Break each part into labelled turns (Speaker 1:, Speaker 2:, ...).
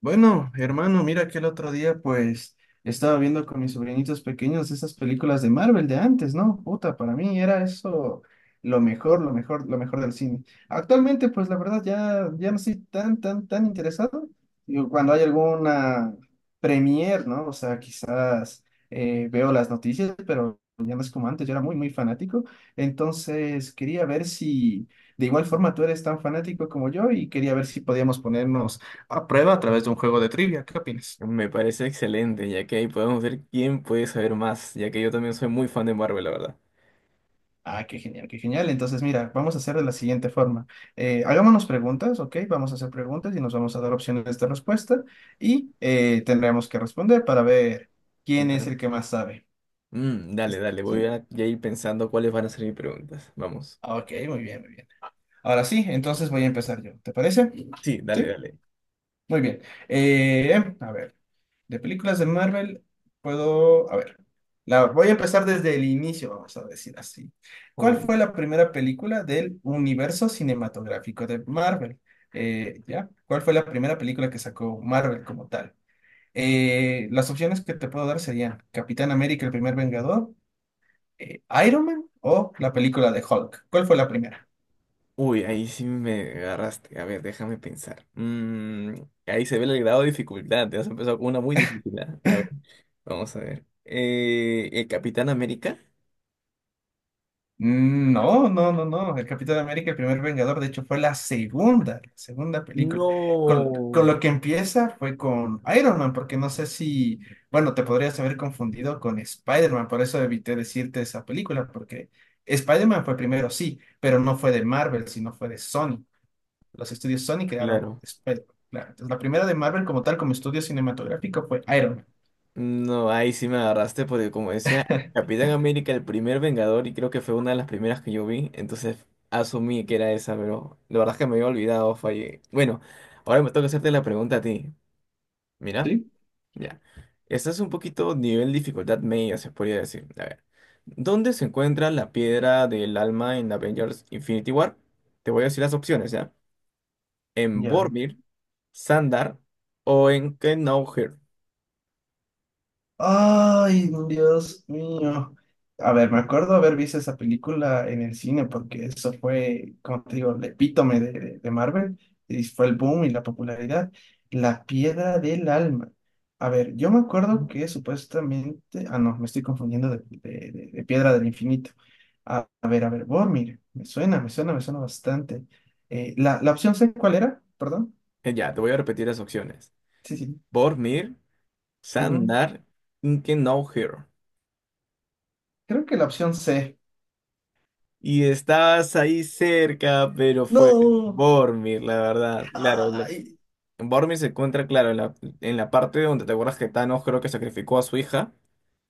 Speaker 1: Bueno, hermano, mira que el otro día pues estaba viendo con mis sobrinitos pequeños esas películas de Marvel de antes, ¿no? Puta, para mí era eso lo mejor, lo mejor, lo mejor del cine. Actualmente pues la verdad ya no estoy tan interesado. Digo, cuando hay alguna premier, ¿no? O sea, quizás veo las noticias, pero ya no es como antes, yo era muy fanático. Entonces quería ver si de igual forma tú eres tan fanático como yo y quería ver si podíamos ponernos a prueba a través de un juego de trivia. ¿Qué opinas?
Speaker 2: Me parece excelente, ya que ahí podemos ver quién puede saber más, ya que yo también soy muy fan de Marvel, la verdad.
Speaker 1: Ah, qué genial, qué genial. Entonces, mira, vamos a hacer de la siguiente forma. Hagámonos preguntas, ¿ok? Vamos a hacer preguntas y nos vamos a dar opciones de respuesta y tendremos que responder para ver quién es
Speaker 2: Claro.
Speaker 1: el que más sabe.
Speaker 2: Mm, dale, dale, voy
Speaker 1: ¿Sí?
Speaker 2: a ya ir pensando cuáles van a ser mis preguntas. Vamos.
Speaker 1: Ah, ok, muy bien, muy bien. Ahora sí, entonces voy a empezar yo. ¿Te parece?
Speaker 2: Sí, dale,
Speaker 1: Sí.
Speaker 2: dale.
Speaker 1: Muy bien. Eh, a ver, de películas de Marvel puedo, a ver, voy a empezar desde el inicio, vamos a decir así. ¿Cuál
Speaker 2: Uy,
Speaker 1: fue la primera película del universo cinematográfico de Marvel? ¿Ya? ¿Cuál fue la primera película que sacó Marvel como tal? Las opciones que te puedo dar serían Capitán América, el primer Vengador, Iron Man o la película de Hulk. ¿Cuál fue la primera?
Speaker 2: uy, ahí sí me agarraste. A ver, déjame pensar. Mm, ahí se ve el grado de dificultad. Te has empezado con una muy difícil. ¿Ah? A ver, vamos a ver. ¿El Capitán América?
Speaker 1: Mm, no, no, no, no. El Capitán América, el primer Vengador, de hecho, fue la segunda película. Con lo
Speaker 2: No.
Speaker 1: que empieza fue con Iron Man, porque no sé si, bueno, te podrías haber confundido con Spider-Man, por eso evité decirte esa película, porque Spider-Man fue primero, sí, pero no fue de Marvel, sino fue de Sony. Los estudios Sony crearon
Speaker 2: Claro.
Speaker 1: Spider-Man. Claro. Entonces, la primera de Marvel como tal, como estudio cinematográfico, fue Iron Man.
Speaker 2: No, ahí sí me agarraste porque como decía Capitán América, el primer Vengador, y creo que fue una de las primeras que yo vi, entonces asumí que era esa, pero la verdad es que me había olvidado, fallé. Bueno, ahora me toca hacerte la pregunta a ti. Mira,
Speaker 1: Sí.
Speaker 2: ya. Esta es un poquito nivel dificultad media, se podría decir. A ver, ¿dónde se encuentra la piedra del alma en Avengers Infinity War? Te voy a decir las opciones, ¿ya? ¿En
Speaker 1: Ya.
Speaker 2: Boromir, Sandar o en Knowher?
Speaker 1: Ay, Dios mío. A ver, me acuerdo haber visto esa película en el cine porque eso fue, como te digo, el epítome de Marvel y fue el boom y la popularidad. La piedra del alma. A ver, yo me acuerdo que supuestamente, ah, no, me estoy confundiendo de piedra del infinito. A ver, Boromir, me suena, me suena, me suena bastante. La opción C, ¿cuál era? Perdón.
Speaker 2: Ya, te voy a repetir las opciones.
Speaker 1: Sí, sí.
Speaker 2: Bormir,
Speaker 1: Ujú.
Speaker 2: Sandar, Inkenauhir.
Speaker 1: Creo que la opción C.
Speaker 2: Y estabas ahí cerca, pero fue
Speaker 1: No.
Speaker 2: Bormir, la verdad. Claro, Bormir se encuentra, claro, en la parte donde te acuerdas que Thanos creo que sacrificó a su hija,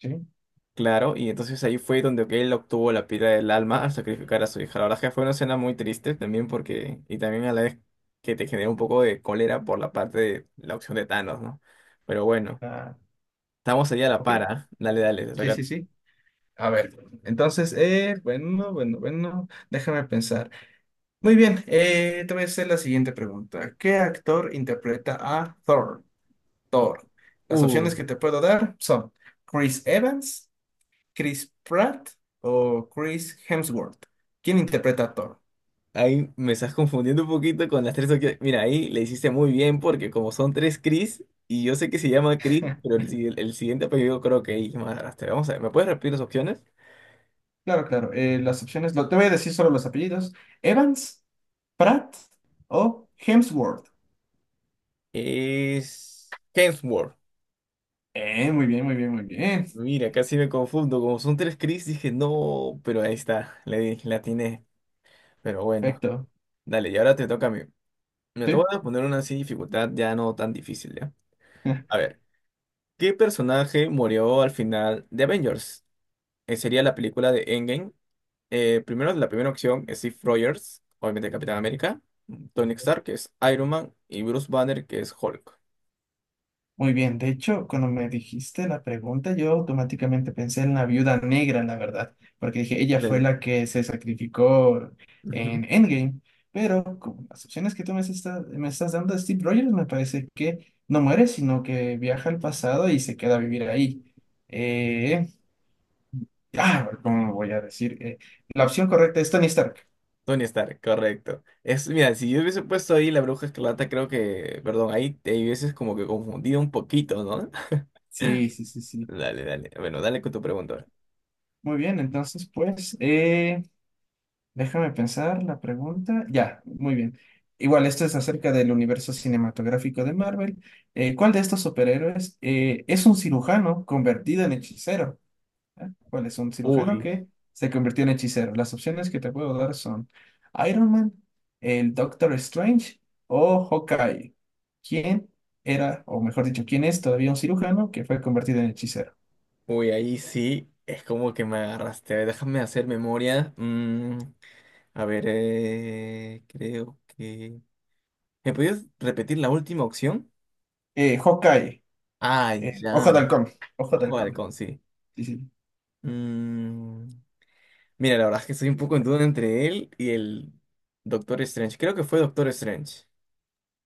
Speaker 1: Sí.
Speaker 2: claro, y entonces ahí fue donde que él obtuvo la piedra del alma al sacrificar a su hija. La verdad es que fue una escena muy triste también porque, y también a la vez que te generó un poco de cólera por la parte de la opción de Thanos, ¿no? Pero bueno,
Speaker 1: Ah,
Speaker 2: estamos allá a la
Speaker 1: ok.
Speaker 2: para. Dale, dale, te
Speaker 1: Sí, sí,
Speaker 2: toca.
Speaker 1: sí. A ver, entonces, bueno, bueno, bueno, déjame pensar. Muy bien, te voy a hacer la siguiente pregunta. ¿Qué actor interpreta a Thor? Thor. Las opciones que te puedo dar son Chris Evans, Chris Pratt o Chris Hemsworth. ¿Quién interpreta a Thor?
Speaker 2: Ahí me estás confundiendo un poquito con las tres opciones. Mira, ahí le hiciste muy bien porque como son tres Chris, y yo sé que se llama Chris, pero el, el siguiente apellido creo que es Madrastra. Vamos a ver, ¿me puedes repetir las opciones?
Speaker 1: Claro, claro, te voy a decir solo los apellidos. Evans, Pratt o Hemsworth.
Speaker 2: Es Hemsworth.
Speaker 1: Muy bien, muy bien, muy bien.
Speaker 2: Mira, casi me confundo. Como son tres Chris, dije no, pero ahí está, le di, la atiné. Pero bueno,
Speaker 1: Perfecto.
Speaker 2: dale, y ahora te toca a mí. Me
Speaker 1: Sí.
Speaker 2: toca poner una así dificultad ya no tan difícil, ¿ya? A ver, ¿qué personaje murió al final de Avengers? Sería la película de Endgame. Primero, la primera opción es Steve Rogers, obviamente Capitán América, Tony Stark, que es Iron Man, y Bruce Banner, que es Hulk.
Speaker 1: Muy bien, de hecho, cuando me dijiste la pregunta, yo automáticamente pensé en la viuda negra, la verdad, porque dije, ella fue
Speaker 2: Claro.
Speaker 1: la que se sacrificó
Speaker 2: Ujú.
Speaker 1: en Endgame, pero con las opciones que tú me estás dando, Steve Rogers me parece que no muere, sino que viaja al pasado y se queda a vivir ahí. Eh, ¿Cómo voy a decir? La opción correcta es Tony Stark.
Speaker 2: Tony Stark, correcto. Es, mira, si yo hubiese puesto ahí la Bruja Escarlata, creo que, perdón, ahí te hubieses como que confundido un poquito, ¿no?
Speaker 1: Sí, sí, sí, sí.
Speaker 2: Dale, dale. Bueno, dale con tu pregunta.
Speaker 1: Muy bien, entonces, pues... déjame pensar la pregunta. Ya, muy bien. Igual, esto es acerca del universo cinematográfico de Marvel. ¿Cuál de estos superhéroes es un cirujano convertido en hechicero? ¿Eh? ¿Cuál es un cirujano
Speaker 2: Uy,
Speaker 1: que se convirtió en hechicero? Las opciones que te puedo dar son Iron Man, el Doctor Strange o Hawkeye. ¿Quién era, o mejor dicho, quién es todavía un cirujano que fue convertido en hechicero?
Speaker 2: Uy, ahí sí, es como que me agarraste. A ver, déjame hacer memoria. Mm, a ver, creo que... ¿Me podías repetir la última opción?
Speaker 1: Hawkeye.
Speaker 2: Ah, ya.
Speaker 1: Ojo de halcón. Ojo de
Speaker 2: Ojo de
Speaker 1: halcón.
Speaker 2: halcón, sí.
Speaker 1: Sí, sí.
Speaker 2: Mm, mira, la verdad es que estoy un poco en duda entre él y el Doctor Strange. Creo que fue Doctor Strange.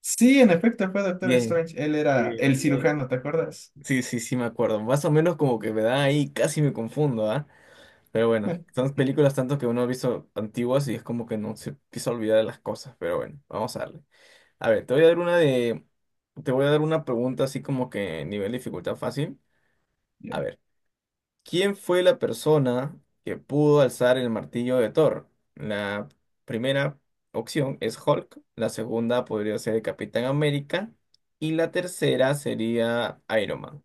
Speaker 1: Sí, en efecto, fue Doctor
Speaker 2: Bien.
Speaker 1: Strange. Él era
Speaker 2: Bien,
Speaker 1: el
Speaker 2: bien.
Speaker 1: cirujano, ¿te acuerdas?
Speaker 2: Sí, sí, sí, me acuerdo. Más o menos como que me da ahí, casi me confundo, ¿ah? Pero bueno, son películas tanto que uno ha visto antiguas y es como que no se empieza a olvidar de las cosas. Pero bueno, vamos a darle. A ver, te voy a dar una de... Te voy a dar una pregunta así como que nivel dificultad fácil.
Speaker 1: Ya.
Speaker 2: A ver. ¿Quién fue la persona que pudo alzar el martillo de Thor? La primera opción es Hulk, la segunda podría ser el Capitán América y la tercera sería Iron Man.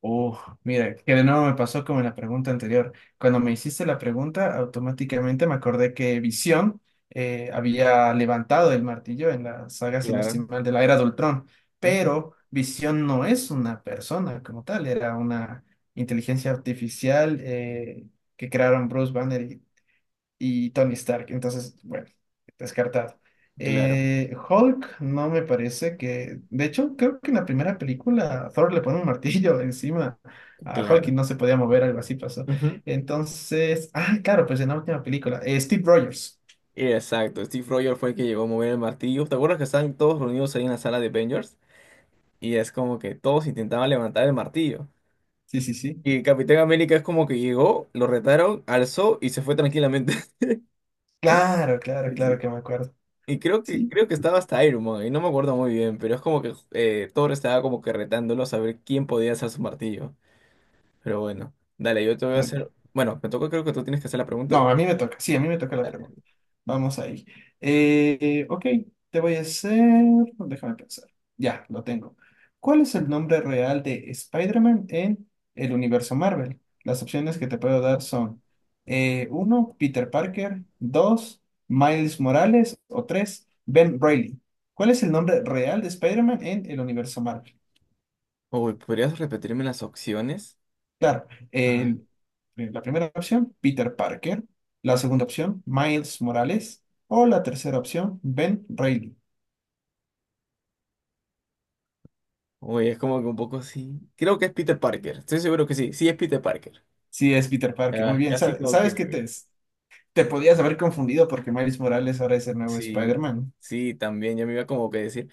Speaker 1: Uf, mira, que de nuevo me pasó como en la pregunta anterior. Cuando me hiciste la pregunta, automáticamente me acordé que Visión había levantado el martillo en la saga, si no estoy
Speaker 2: Claro,
Speaker 1: mal, de la Era de Ultrón.
Speaker 2: ujú,
Speaker 1: Pero Visión no es una persona como tal, era una inteligencia artificial que crearon Bruce Banner y Tony Stark. Entonces, bueno, descartado.
Speaker 2: claro,
Speaker 1: Hulk no me parece que... De hecho, creo que en la primera película Thor le pone un martillo encima a Hulk y
Speaker 2: claro.
Speaker 1: no se podía mover, algo así pasó.
Speaker 2: Ujú.
Speaker 1: Entonces, ah, claro, pues en la última película. Steve Rogers.
Speaker 2: Exacto, Steve Rogers fue el que llegó a mover el martillo. ¿Te acuerdas que estaban todos reunidos ahí en la sala de Avengers? Y es como que todos intentaban levantar el martillo.
Speaker 1: Sí, sí, sí.
Speaker 2: Y Capitán América es como que llegó, lo retaron, alzó y se fue tranquilamente.
Speaker 1: Claro, claro, claro que me acuerdo.
Speaker 2: Y
Speaker 1: Sí,
Speaker 2: creo que estaba hasta Iron Man, y no me acuerdo muy bien, pero es como que Thor estaba como que retándolo a saber quién podía hacer su martillo. Pero bueno, dale, yo te voy a
Speaker 1: muy bien.
Speaker 2: hacer. Bueno, me toca, creo que tú tienes que hacer la pregunta.
Speaker 1: No, a mí me toca. Sí, a mí me toca la pregunta.
Speaker 2: Dale.
Speaker 1: Vamos ahí. Eh, ok, te voy a hacer... Déjame pensar. Ya, lo tengo. ¿Cuál es el nombre real de Spider-Man en el universo Marvel? Las opciones que te puedo dar son uno Peter Parker, 2 Miles Morales o 3 Ben Reilly. ¿Cuál es el nombre real de Spider-Man en el universo Marvel?
Speaker 2: Uy, ¿podrías repetirme las opciones?
Speaker 1: Claro,
Speaker 2: Ajá.
Speaker 1: el- eh, la primera opción, Peter Parker. La segunda opción, Miles Morales. O la tercera opción, Ben Reilly.
Speaker 2: Uy, es como que un poco así. Creo que es Peter Parker, estoy seguro que sí, sí es Peter Parker.
Speaker 1: Sí, es Peter Parker, muy
Speaker 2: Ah,
Speaker 1: bien.
Speaker 2: casi como
Speaker 1: Sabes que
Speaker 2: que.
Speaker 1: te podías haber confundido porque Miles Morales ahora es el nuevo
Speaker 2: Sí,
Speaker 1: Spider-Man,
Speaker 2: sí, también, yo me iba como que a decir.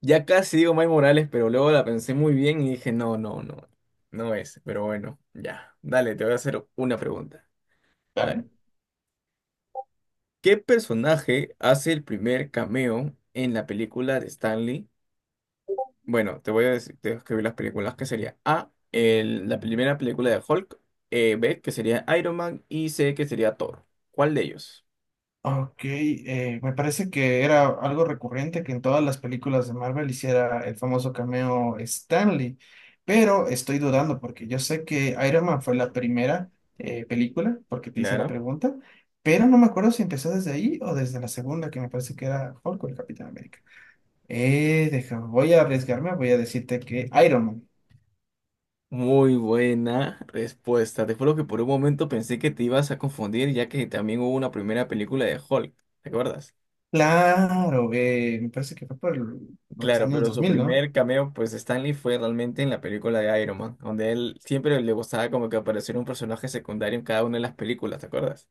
Speaker 2: Ya casi digo Miles Morales, pero luego la pensé muy bien y dije, no, no, no, no es. Pero bueno, ya. Dale, te voy a hacer una pregunta. A
Speaker 1: ¿vale?
Speaker 2: ver, ¿qué personaje hace el primer cameo en la película de Stanley? Bueno, te voy a decir, te voy a escribir las películas, que sería A, la primera película de Hulk, B, que sería Iron Man, y C, que sería Thor. ¿Cuál de ellos?
Speaker 1: Ok, me parece que era algo recurrente que en todas las películas de Marvel hiciera el famoso cameo Stanley, pero estoy dudando porque yo sé que Iron Man fue la primera película, porque te hice la
Speaker 2: Claro.
Speaker 1: pregunta, pero no me acuerdo si empezó desde ahí o desde la segunda, que me parece que era Hulk o el Capitán América. Deja, voy a arriesgarme, voy a decirte que Iron Man.
Speaker 2: Muy buena respuesta. Te juro que por un momento pensé que te ibas a confundir, ya que también hubo una primera película de Hulk, ¿te acuerdas?
Speaker 1: Claro, me parece que fue por los
Speaker 2: Claro,
Speaker 1: años
Speaker 2: pero
Speaker 1: dos
Speaker 2: su
Speaker 1: mil, ¿no?
Speaker 2: primer cameo, pues Stanley, fue realmente en la película de Iron Man, donde él siempre le gustaba como que apareciera un personaje secundario en cada una de las películas, ¿te acuerdas?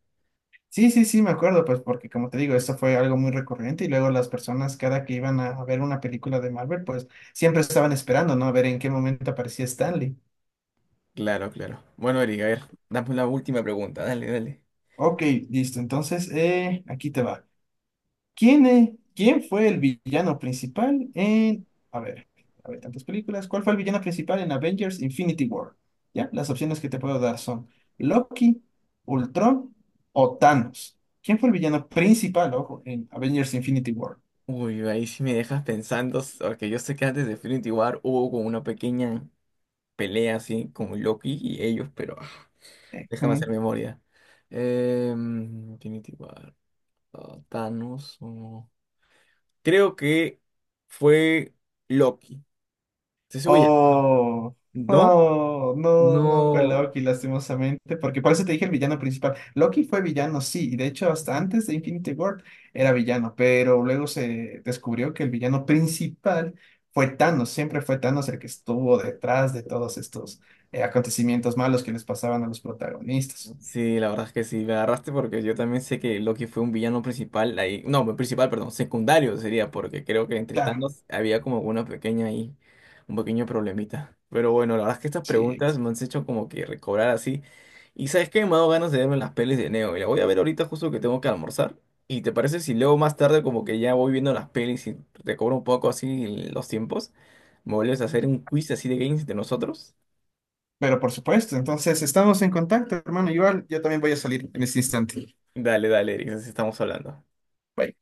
Speaker 1: Sí, sí, sí, me acuerdo, pues porque como te digo, esto fue algo muy recurrente y luego las personas cada que iban a ver una película de Marvel, pues siempre estaban esperando, ¿no? A ver en qué momento aparecía Stanley.
Speaker 2: Claro, claro. Bueno, erika a ver, dame la última pregunta, dale, dale.
Speaker 1: Ok, listo, entonces aquí te va. ¿Quién fue el villano principal en... a ver, tantas películas. ¿Cuál fue el villano principal en Avengers Infinity War? ¿Ya? Las opciones que te puedo dar son Loki, Ultron o Thanos. ¿Quién fue el villano principal, ojo, en Avengers Infinity War?
Speaker 2: Uy, ahí sí me dejas pensando, s- porque yo sé que antes de Infinity War hubo como una pequeña pelea así con Loki y ellos, pero déjame hacer
Speaker 1: Ujú.
Speaker 2: memoria. Infinity War, ah, Thanos. O- Creo que fue Loki. ¿Te seguro ya?
Speaker 1: Oh,
Speaker 2: ¿No?
Speaker 1: oh, no, no fue
Speaker 2: No.
Speaker 1: Loki, lastimosamente, porque por eso te dije el villano principal. Loki fue villano, sí, y de hecho hasta antes de Infinity War era villano, pero luego se descubrió que el villano principal fue Thanos, siempre fue Thanos el que estuvo detrás de todos estos acontecimientos malos que les pasaban a los protagonistas.
Speaker 2: Sí, la verdad es que sí, me agarraste porque yo también sé que Loki fue un villano principal ahí, no, principal, perdón, secundario sería, porque creo que entre
Speaker 1: Claro,
Speaker 2: tantos había como una pequeña ahí, un pequeño problemita. Pero bueno, la verdad es que estas
Speaker 1: sí,
Speaker 2: preguntas me han hecho como que recobrar así. Y sabes que me ha dado ganas de verme las pelis de Neo, y la voy a ver ahorita justo que tengo que almorzar. ¿Y te parece si luego más tarde como que ya voy viendo las pelis y recobro un poco así los tiempos? ¿Me vuelves a hacer un quiz así de games de nosotros?
Speaker 1: pero por supuesto, entonces estamos en contacto, hermano, igual yo también voy a salir en este instante.
Speaker 2: Dale, dale, Eric, así estamos hablando.
Speaker 1: Bye.